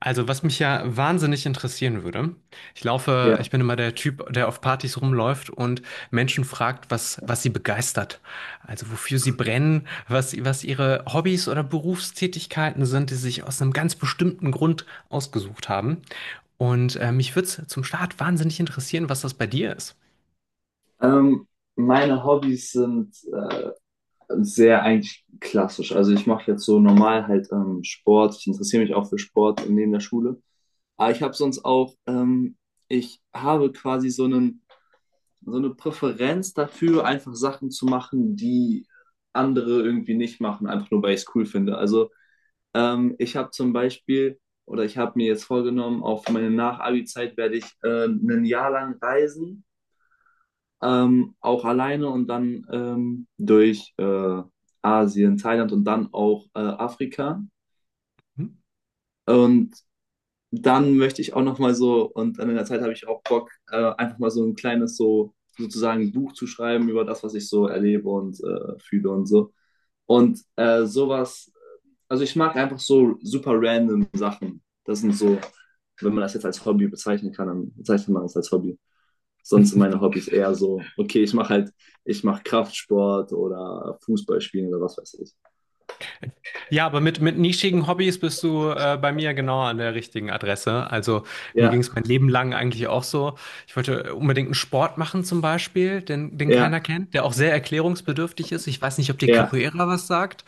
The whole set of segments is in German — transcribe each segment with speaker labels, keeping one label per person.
Speaker 1: Also, was mich ja wahnsinnig interessieren würde, ich laufe, ich
Speaker 2: Ja,
Speaker 1: bin immer der Typ, der auf Partys rumläuft und Menschen fragt, was sie begeistert. Also, wofür sie brennen, was ihre Hobbys oder Berufstätigkeiten sind, die sie sich aus einem ganz bestimmten Grund ausgesucht haben. Und mich würde es zum Start wahnsinnig interessieren, was das bei dir ist.
Speaker 2: ähm, meine Hobbys sind sehr eigentlich klassisch. Also ich mache jetzt so normal halt Sport. Ich interessiere mich auch für Sport neben der Schule. Aber ich habe sonst auch, ich habe quasi so eine Präferenz dafür, einfach Sachen zu machen, die andere irgendwie nicht machen, einfach nur weil ich es cool finde. Also ich habe zum Beispiel, oder ich habe mir jetzt vorgenommen, auf meine Nach-Abi-Zeit werde ich ein Jahr lang reisen, auch alleine und dann durch Asien, Thailand und dann auch Afrika.
Speaker 1: Hm?
Speaker 2: Und dann möchte ich auch noch mal so, und in der Zeit habe ich auch Bock, einfach mal so ein kleines so sozusagen Buch zu schreiben über das, was ich so erlebe und fühle und so. Und sowas, also ich mag einfach so super random Sachen. Das sind so, wenn man das jetzt als Hobby bezeichnen kann, dann bezeichnet man das als Hobby. Sonst sind meine Hobbys eher so, okay, ich mache halt, ich mache Kraftsport oder Fußball spielen oder was weiß ich.
Speaker 1: Ja, aber mit nischigen Hobbys bist du bei mir genau an der richtigen Adresse. Also mir ging
Speaker 2: Ja,
Speaker 1: es mein Leben lang eigentlich auch so. Ich wollte unbedingt einen Sport machen zum Beispiel, den, den keiner
Speaker 2: ja,
Speaker 1: kennt, der auch sehr erklärungsbedürftig ist. Ich weiß nicht, ob dir
Speaker 2: ja,
Speaker 1: Capoeira was sagt.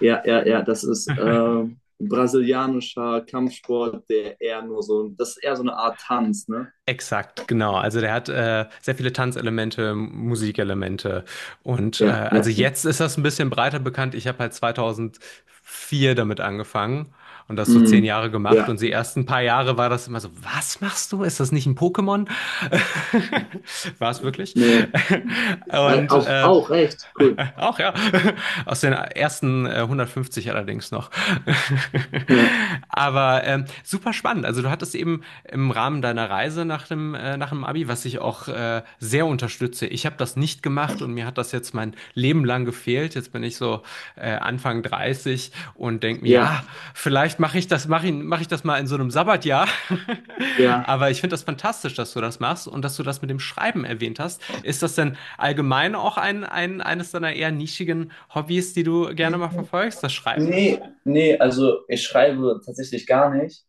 Speaker 2: ja, ja, ja, das ist brasilianischer Kampfsport, der eher nur so, das ist eher so eine Art Tanz, ne?
Speaker 1: Exakt, genau. Also der hat sehr viele Tanzelemente, Musikelemente. Und
Speaker 2: Ja, ja,
Speaker 1: also jetzt ist das ein bisschen breiter bekannt. Ich habe halt 2004 damit angefangen und das so zehn
Speaker 2: hm,
Speaker 1: Jahre gemacht. Und
Speaker 2: ja,
Speaker 1: die ersten paar Jahre war das immer so, was machst du? Ist das nicht ein Pokémon? War es wirklich?
Speaker 2: nee,
Speaker 1: Und
Speaker 2: auch,
Speaker 1: äh,
Speaker 2: auch recht, cool.
Speaker 1: Auch ja. Aus den ersten 150 allerdings noch.
Speaker 2: Ja,
Speaker 1: Aber super spannend. Also du hattest eben im Rahmen deiner Reise nach dem Abi, was ich auch sehr unterstütze. Ich habe das nicht gemacht und mir hat das jetzt mein Leben lang gefehlt. Jetzt bin ich so Anfang 30 und denke mir,
Speaker 2: ja,
Speaker 1: ja, vielleicht mach ich das mal in so einem Sabbatjahr.
Speaker 2: ja.
Speaker 1: Aber ich finde das fantastisch, dass du das machst und dass du das mit dem Schreiben erwähnt hast. Ist das denn allgemein auch eines deiner eher nischigen Hobbys, die du gerne mal verfolgst, das Schreiben?
Speaker 2: Nee, nee, also ich schreibe tatsächlich gar nicht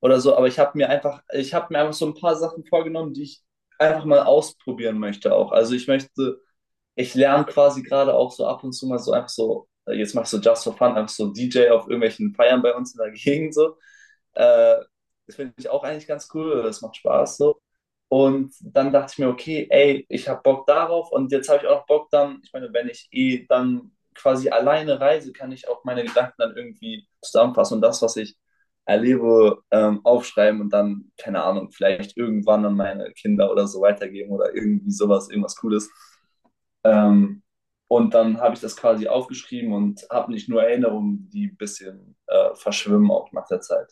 Speaker 2: oder so, aber ich habe mir einfach so ein paar Sachen vorgenommen, die ich einfach mal ausprobieren möchte auch. Ich lerne quasi gerade auch so ab und zu mal so einfach so, jetzt mach ich so just for fun, einfach so DJ auf irgendwelchen Feiern bei uns in der Gegend so. Äh, Das finde ich auch eigentlich ganz cool, das macht Spaß so. Und dann dachte ich mir, okay, ey, ich habe Bock darauf und jetzt habe ich auch noch Bock dann, ich meine, wenn ich eh dann quasi alleine reise, kann ich auch meine Gedanken dann irgendwie zusammenfassen und das, was ich erlebe, aufschreiben und dann, keine Ahnung, vielleicht irgendwann an meine Kinder oder so weitergeben oder irgendwie sowas, irgendwas Cooles. Ähm, und dann habe ich das quasi aufgeschrieben und habe nicht nur Erinnerungen, die ein bisschen verschwimmen auch nach der Zeit.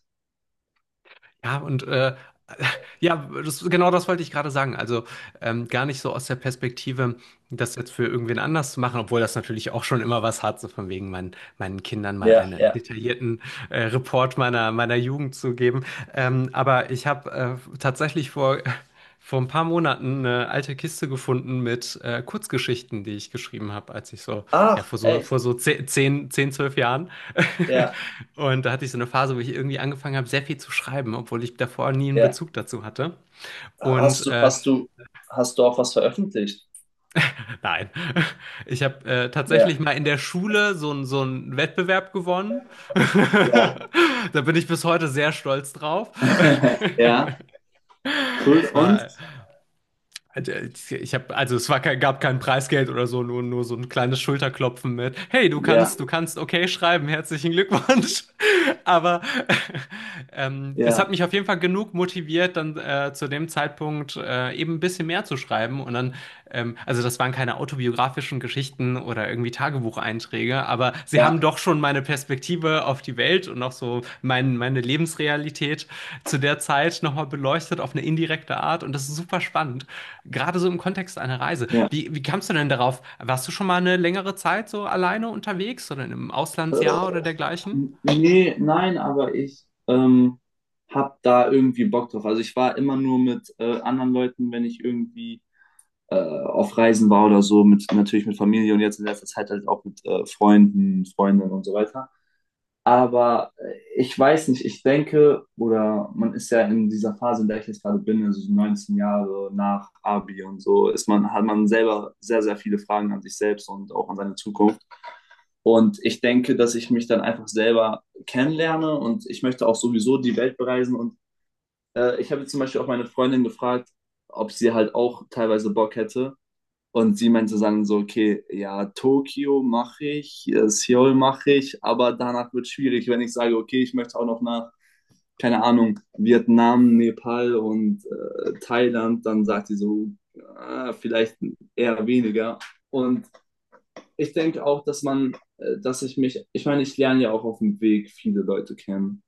Speaker 1: Ja, und ja, das, genau das wollte ich gerade sagen. Also gar nicht so aus der Perspektive, das jetzt für irgendwen anders zu machen, obwohl das natürlich auch schon immer was hat, so von wegen meinen Kindern mal
Speaker 2: Ja,
Speaker 1: einen
Speaker 2: ja.
Speaker 1: detaillierten Report meiner Jugend zu geben. Aber ich habe tatsächlich vor ein paar Monaten eine alte Kiste gefunden mit Kurzgeschichten, die ich geschrieben habe, als ich so, ja,
Speaker 2: Ach,
Speaker 1: vor so,
Speaker 2: echt?
Speaker 1: vor so 10 10 10, 12 Jahren.
Speaker 2: Ja,
Speaker 1: Und da hatte ich so eine Phase, wo ich irgendwie angefangen habe, sehr viel zu schreiben, obwohl ich davor nie einen
Speaker 2: ja.
Speaker 1: Bezug dazu hatte.
Speaker 2: Hast
Speaker 1: Und
Speaker 2: du, hast du, hast du auch was veröffentlicht?
Speaker 1: nein, ich habe
Speaker 2: Ja.
Speaker 1: tatsächlich mal in der Schule so, so einen Wettbewerb gewonnen.
Speaker 2: Ja,
Speaker 1: Da bin ich bis heute sehr stolz drauf.
Speaker 2: Ja, cool.
Speaker 1: Es
Speaker 2: Und?
Speaker 1: war halt, ich habe, also es war kein, gab kein Preisgeld oder so, nur so ein kleines Schulterklopfen mit. Hey, du
Speaker 2: Ja,
Speaker 1: kannst, du kannst okay schreiben, herzlichen Glückwunsch. Aber es hat
Speaker 2: ja,
Speaker 1: mich auf jeden Fall genug motiviert, dann zu dem Zeitpunkt eben ein bisschen mehr zu schreiben. Und dann, also das waren keine autobiografischen Geschichten oder irgendwie Tagebucheinträge, aber sie haben
Speaker 2: ja,
Speaker 1: doch schon meine Perspektive auf die Welt und auch so meine Lebensrealität zu der Zeit nochmal beleuchtet auf eine indirekte Art. Und das ist super spannend. Gerade so im Kontext einer Reise.
Speaker 2: ja.
Speaker 1: Wie kamst du denn darauf? Warst du schon mal eine längere Zeit so alleine unterwegs oder in einem Auslandsjahr
Speaker 2: Äh,
Speaker 1: oder dergleichen?
Speaker 2: Nee, nein, aber ich hab da irgendwie Bock drauf. Also ich war immer nur mit anderen Leuten, wenn ich irgendwie auf Reisen war oder so, mit, natürlich mit Familie und jetzt in letzter Zeit halt auch mit Freunden, Freundinnen und so weiter. Aber ich weiß nicht, ich denke, oder man ist ja in dieser Phase, in der ich jetzt gerade bin, also so 19 Jahre nach Abi und so, ist man, hat man selber sehr, sehr viele Fragen an sich selbst und auch an seine Zukunft. Und ich denke, dass ich mich dann einfach selber kennenlerne und ich möchte auch sowieso die Welt bereisen. Und ich habe jetzt zum Beispiel auch meine Freundin gefragt, ob sie halt auch teilweise Bock hätte. Und sie meinte dann so, okay, ja, Tokio mache ich, Seoul mache ich, aber danach wird es schwierig, wenn ich sage, okay, ich möchte auch noch nach, keine Ahnung, Vietnam, Nepal und Thailand, dann sagt sie so, ah, vielleicht eher weniger. Und ich denke auch, ich meine, ich lerne ja auch auf dem Weg viele Leute kennen.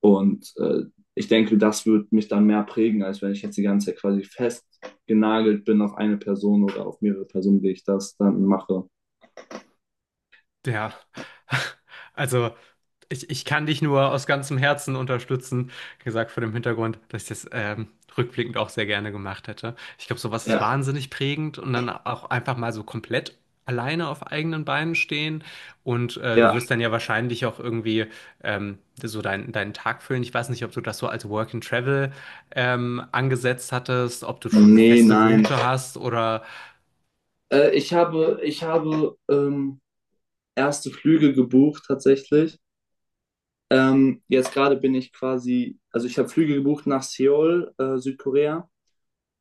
Speaker 2: Und ich denke, das wird mich dann mehr prägen, als wenn ich jetzt die ganze Zeit quasi festgenagelt bin auf eine Person oder auf mehrere Personen, die ich das dann mache.
Speaker 1: Ja, also ich kann dich nur aus ganzem Herzen unterstützen, gesagt vor dem Hintergrund, dass ich das rückblickend auch sehr gerne gemacht hätte. Ich glaube, sowas ist
Speaker 2: Ja.
Speaker 1: wahnsinnig prägend und dann auch einfach mal so komplett alleine auf eigenen Beinen stehen und du
Speaker 2: Ja,
Speaker 1: wirst dann ja wahrscheinlich auch irgendwie so deinen Tag füllen. Ich weiß nicht, ob du das so als Work and Travel angesetzt hattest, ob du schon eine
Speaker 2: nee,
Speaker 1: feste
Speaker 2: nein.
Speaker 1: Route hast oder...
Speaker 2: Ich habe erste Flüge gebucht tatsächlich. Jetzt gerade bin ich quasi, also ich habe Flüge gebucht nach Seoul, Südkorea.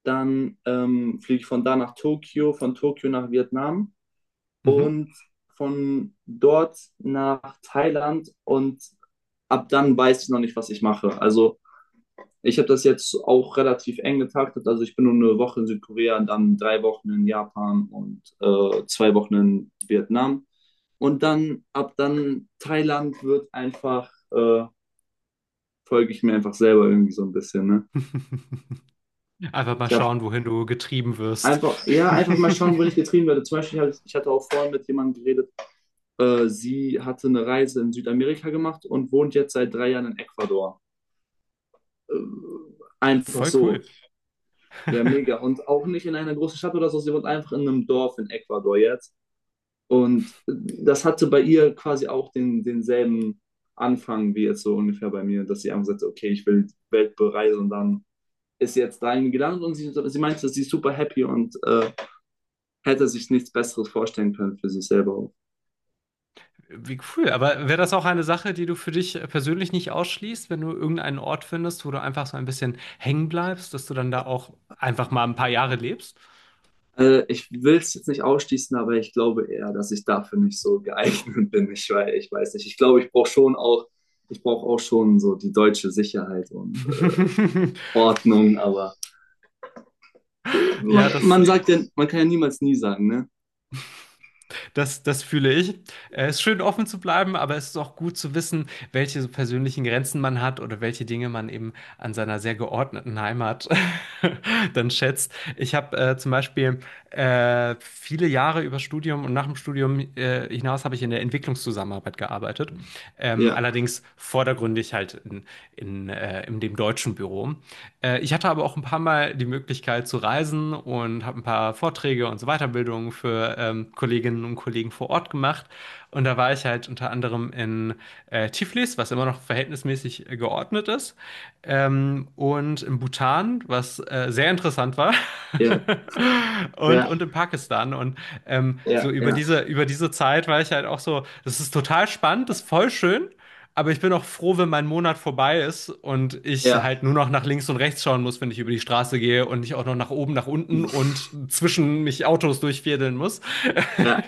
Speaker 2: Dann fliege ich von da nach Tokio, von Tokio nach Vietnam
Speaker 1: Mhm.
Speaker 2: und von dort nach Thailand und ab dann weiß ich noch nicht, was ich mache. Also ich habe das jetzt auch relativ eng getaktet. Also ich bin nur 1 Woche in Südkorea, dann 3 Wochen in Japan und 2 Wochen in Vietnam. Und dann ab dann Thailand wird einfach, folge ich mir einfach selber irgendwie so ein bisschen. Ne?
Speaker 1: Einfach mal
Speaker 2: Ich habe
Speaker 1: schauen, wohin du getrieben wirst.
Speaker 2: einfach, ja, einfach mal schauen, wo ich getrieben werde. Zum Beispiel, ich hatte auch vorhin mit jemandem geredet, sie hatte eine Reise in Südamerika gemacht und wohnt jetzt seit 3 Jahren in Ecuador. Äh, Einfach
Speaker 1: Voll cool.
Speaker 2: so. Ja, mega. Und auch nicht in einer großen Stadt oder so, sie wohnt einfach in einem Dorf in Ecuador jetzt. Und das hatte bei ihr quasi auch denselben Anfang wie jetzt so ungefähr bei mir, dass sie einfach sagte, okay, ich will die Welt bereisen und dann ist sie jetzt dahin gelandet und sie meinte, sie ist super happy und hätte sich nichts Besseres vorstellen können für sich selber auch.
Speaker 1: Wie cool. Aber wäre das auch eine Sache, die du für dich persönlich nicht ausschließt, wenn du irgendeinen Ort findest, wo du einfach so ein bisschen hängen bleibst, dass du dann da auch einfach mal ein paar Jahre lebst?
Speaker 2: Ich will es jetzt nicht ausschließen, aber ich glaube eher, dass ich dafür nicht so geeignet bin. Ich weiß nicht. Ich glaube, ich brauche auch schon so die deutsche Sicherheit und Ordnung, aber
Speaker 1: Ja,
Speaker 2: man,
Speaker 1: das,
Speaker 2: man sagt ja, man kann ja niemals nie sagen, ne?
Speaker 1: das, das fühle ich. Es ist schön, offen zu bleiben, aber es ist auch gut zu wissen, welche persönlichen Grenzen man hat oder welche Dinge man eben an seiner sehr geordneten Heimat dann schätzt. Ich habe zum Beispiel viele Jahre über Studium und nach dem Studium hinaus habe ich in der Entwicklungszusammenarbeit gearbeitet. Ähm,
Speaker 2: Ja,
Speaker 1: allerdings vordergründig halt in, in dem deutschen Büro. Ich hatte aber auch ein paar Mal die Möglichkeit zu reisen und habe ein paar Vorträge und so Weiterbildungen für Kolleginnen und Kollegen vor Ort gemacht. Und da war ich halt unter anderem in Tiflis, was immer noch verhältnismäßig geordnet ist. Und in Bhutan, was sehr interessant war,
Speaker 2: ja,
Speaker 1: und,
Speaker 2: ja,
Speaker 1: und in Pakistan. Und so
Speaker 2: ja,
Speaker 1: über
Speaker 2: ja,
Speaker 1: diese, über diese Zeit war ich halt auch so, das ist total spannend, das ist voll schön, aber ich bin auch froh, wenn mein Monat vorbei ist und ich
Speaker 2: ja,
Speaker 1: halt nur noch nach links und rechts schauen muss, wenn ich über die Straße gehe und nicht auch noch nach oben, nach unten und zwischen mich Autos durchfädeln muss.
Speaker 2: ja.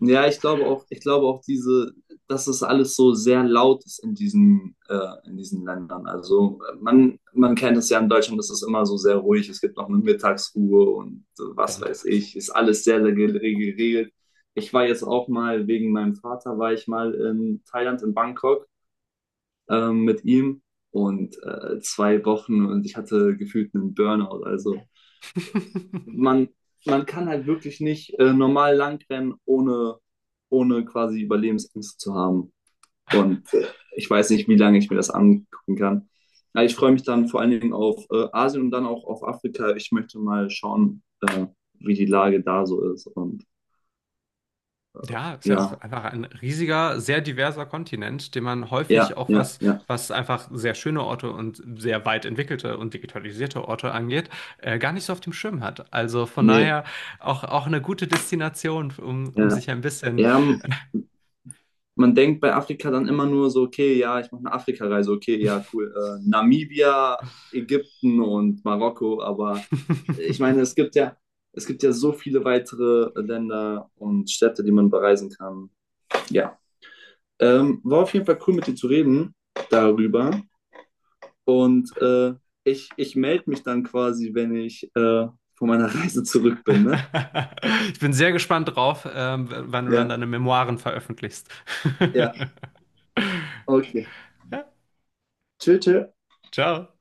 Speaker 2: Ja, ich glaube auch diese, dass es alles so sehr laut ist in diesen Ländern. Also man kennt es ja in Deutschland, es ist immer so sehr ruhig, es gibt noch eine Mittagsruhe und was weiß
Speaker 1: Sonntags.
Speaker 2: ich, ist alles sehr, sehr geregelt. Ich war jetzt auch mal, wegen meinem Vater war ich mal in Thailand, in Bangkok mit ihm und 2 Wochen und ich hatte gefühlt einen Burnout. Also man, man kann halt wirklich nicht normal langrennen, ohne quasi Überlebensängste zu haben. Und ich weiß nicht, wie lange ich mir das angucken kann. Ja, ich freue mich dann vor allen Dingen auf Asien und dann auch auf Afrika. Ich möchte mal schauen, wie die Lage da so ist. Und
Speaker 1: Ja, ist ja auch
Speaker 2: ja,
Speaker 1: einfach ein riesiger, sehr diverser Kontinent, den man
Speaker 2: ja,
Speaker 1: häufig auch
Speaker 2: ja,
Speaker 1: was,
Speaker 2: ja.
Speaker 1: was einfach sehr schöne Orte und sehr weit entwickelte und digitalisierte Orte angeht, gar nicht so auf dem Schirm hat. Also von
Speaker 2: Nee,
Speaker 1: daher auch eine gute Destination, um
Speaker 2: ja.
Speaker 1: sich ein bisschen.
Speaker 2: Ja, man denkt bei Afrika dann immer nur so, okay, ja, ich mache eine Afrika-Reise, okay, ja, cool. Namibia, Ägypten und Marokko, aber ich meine, es gibt ja so viele weitere Länder und Städte, die man bereisen kann. Ja. War auf jeden Fall cool, mit dir zu reden darüber. Und ich melde mich dann quasi, wenn ich von meiner Reise zurück bin, ne?
Speaker 1: Ich bin sehr gespannt drauf, wann du dann
Speaker 2: Ja,
Speaker 1: deine Memoiren veröffentlichst.
Speaker 2: ja, okay.
Speaker 1: Ja,
Speaker 2: Tschüss, tschüss.
Speaker 1: ciao.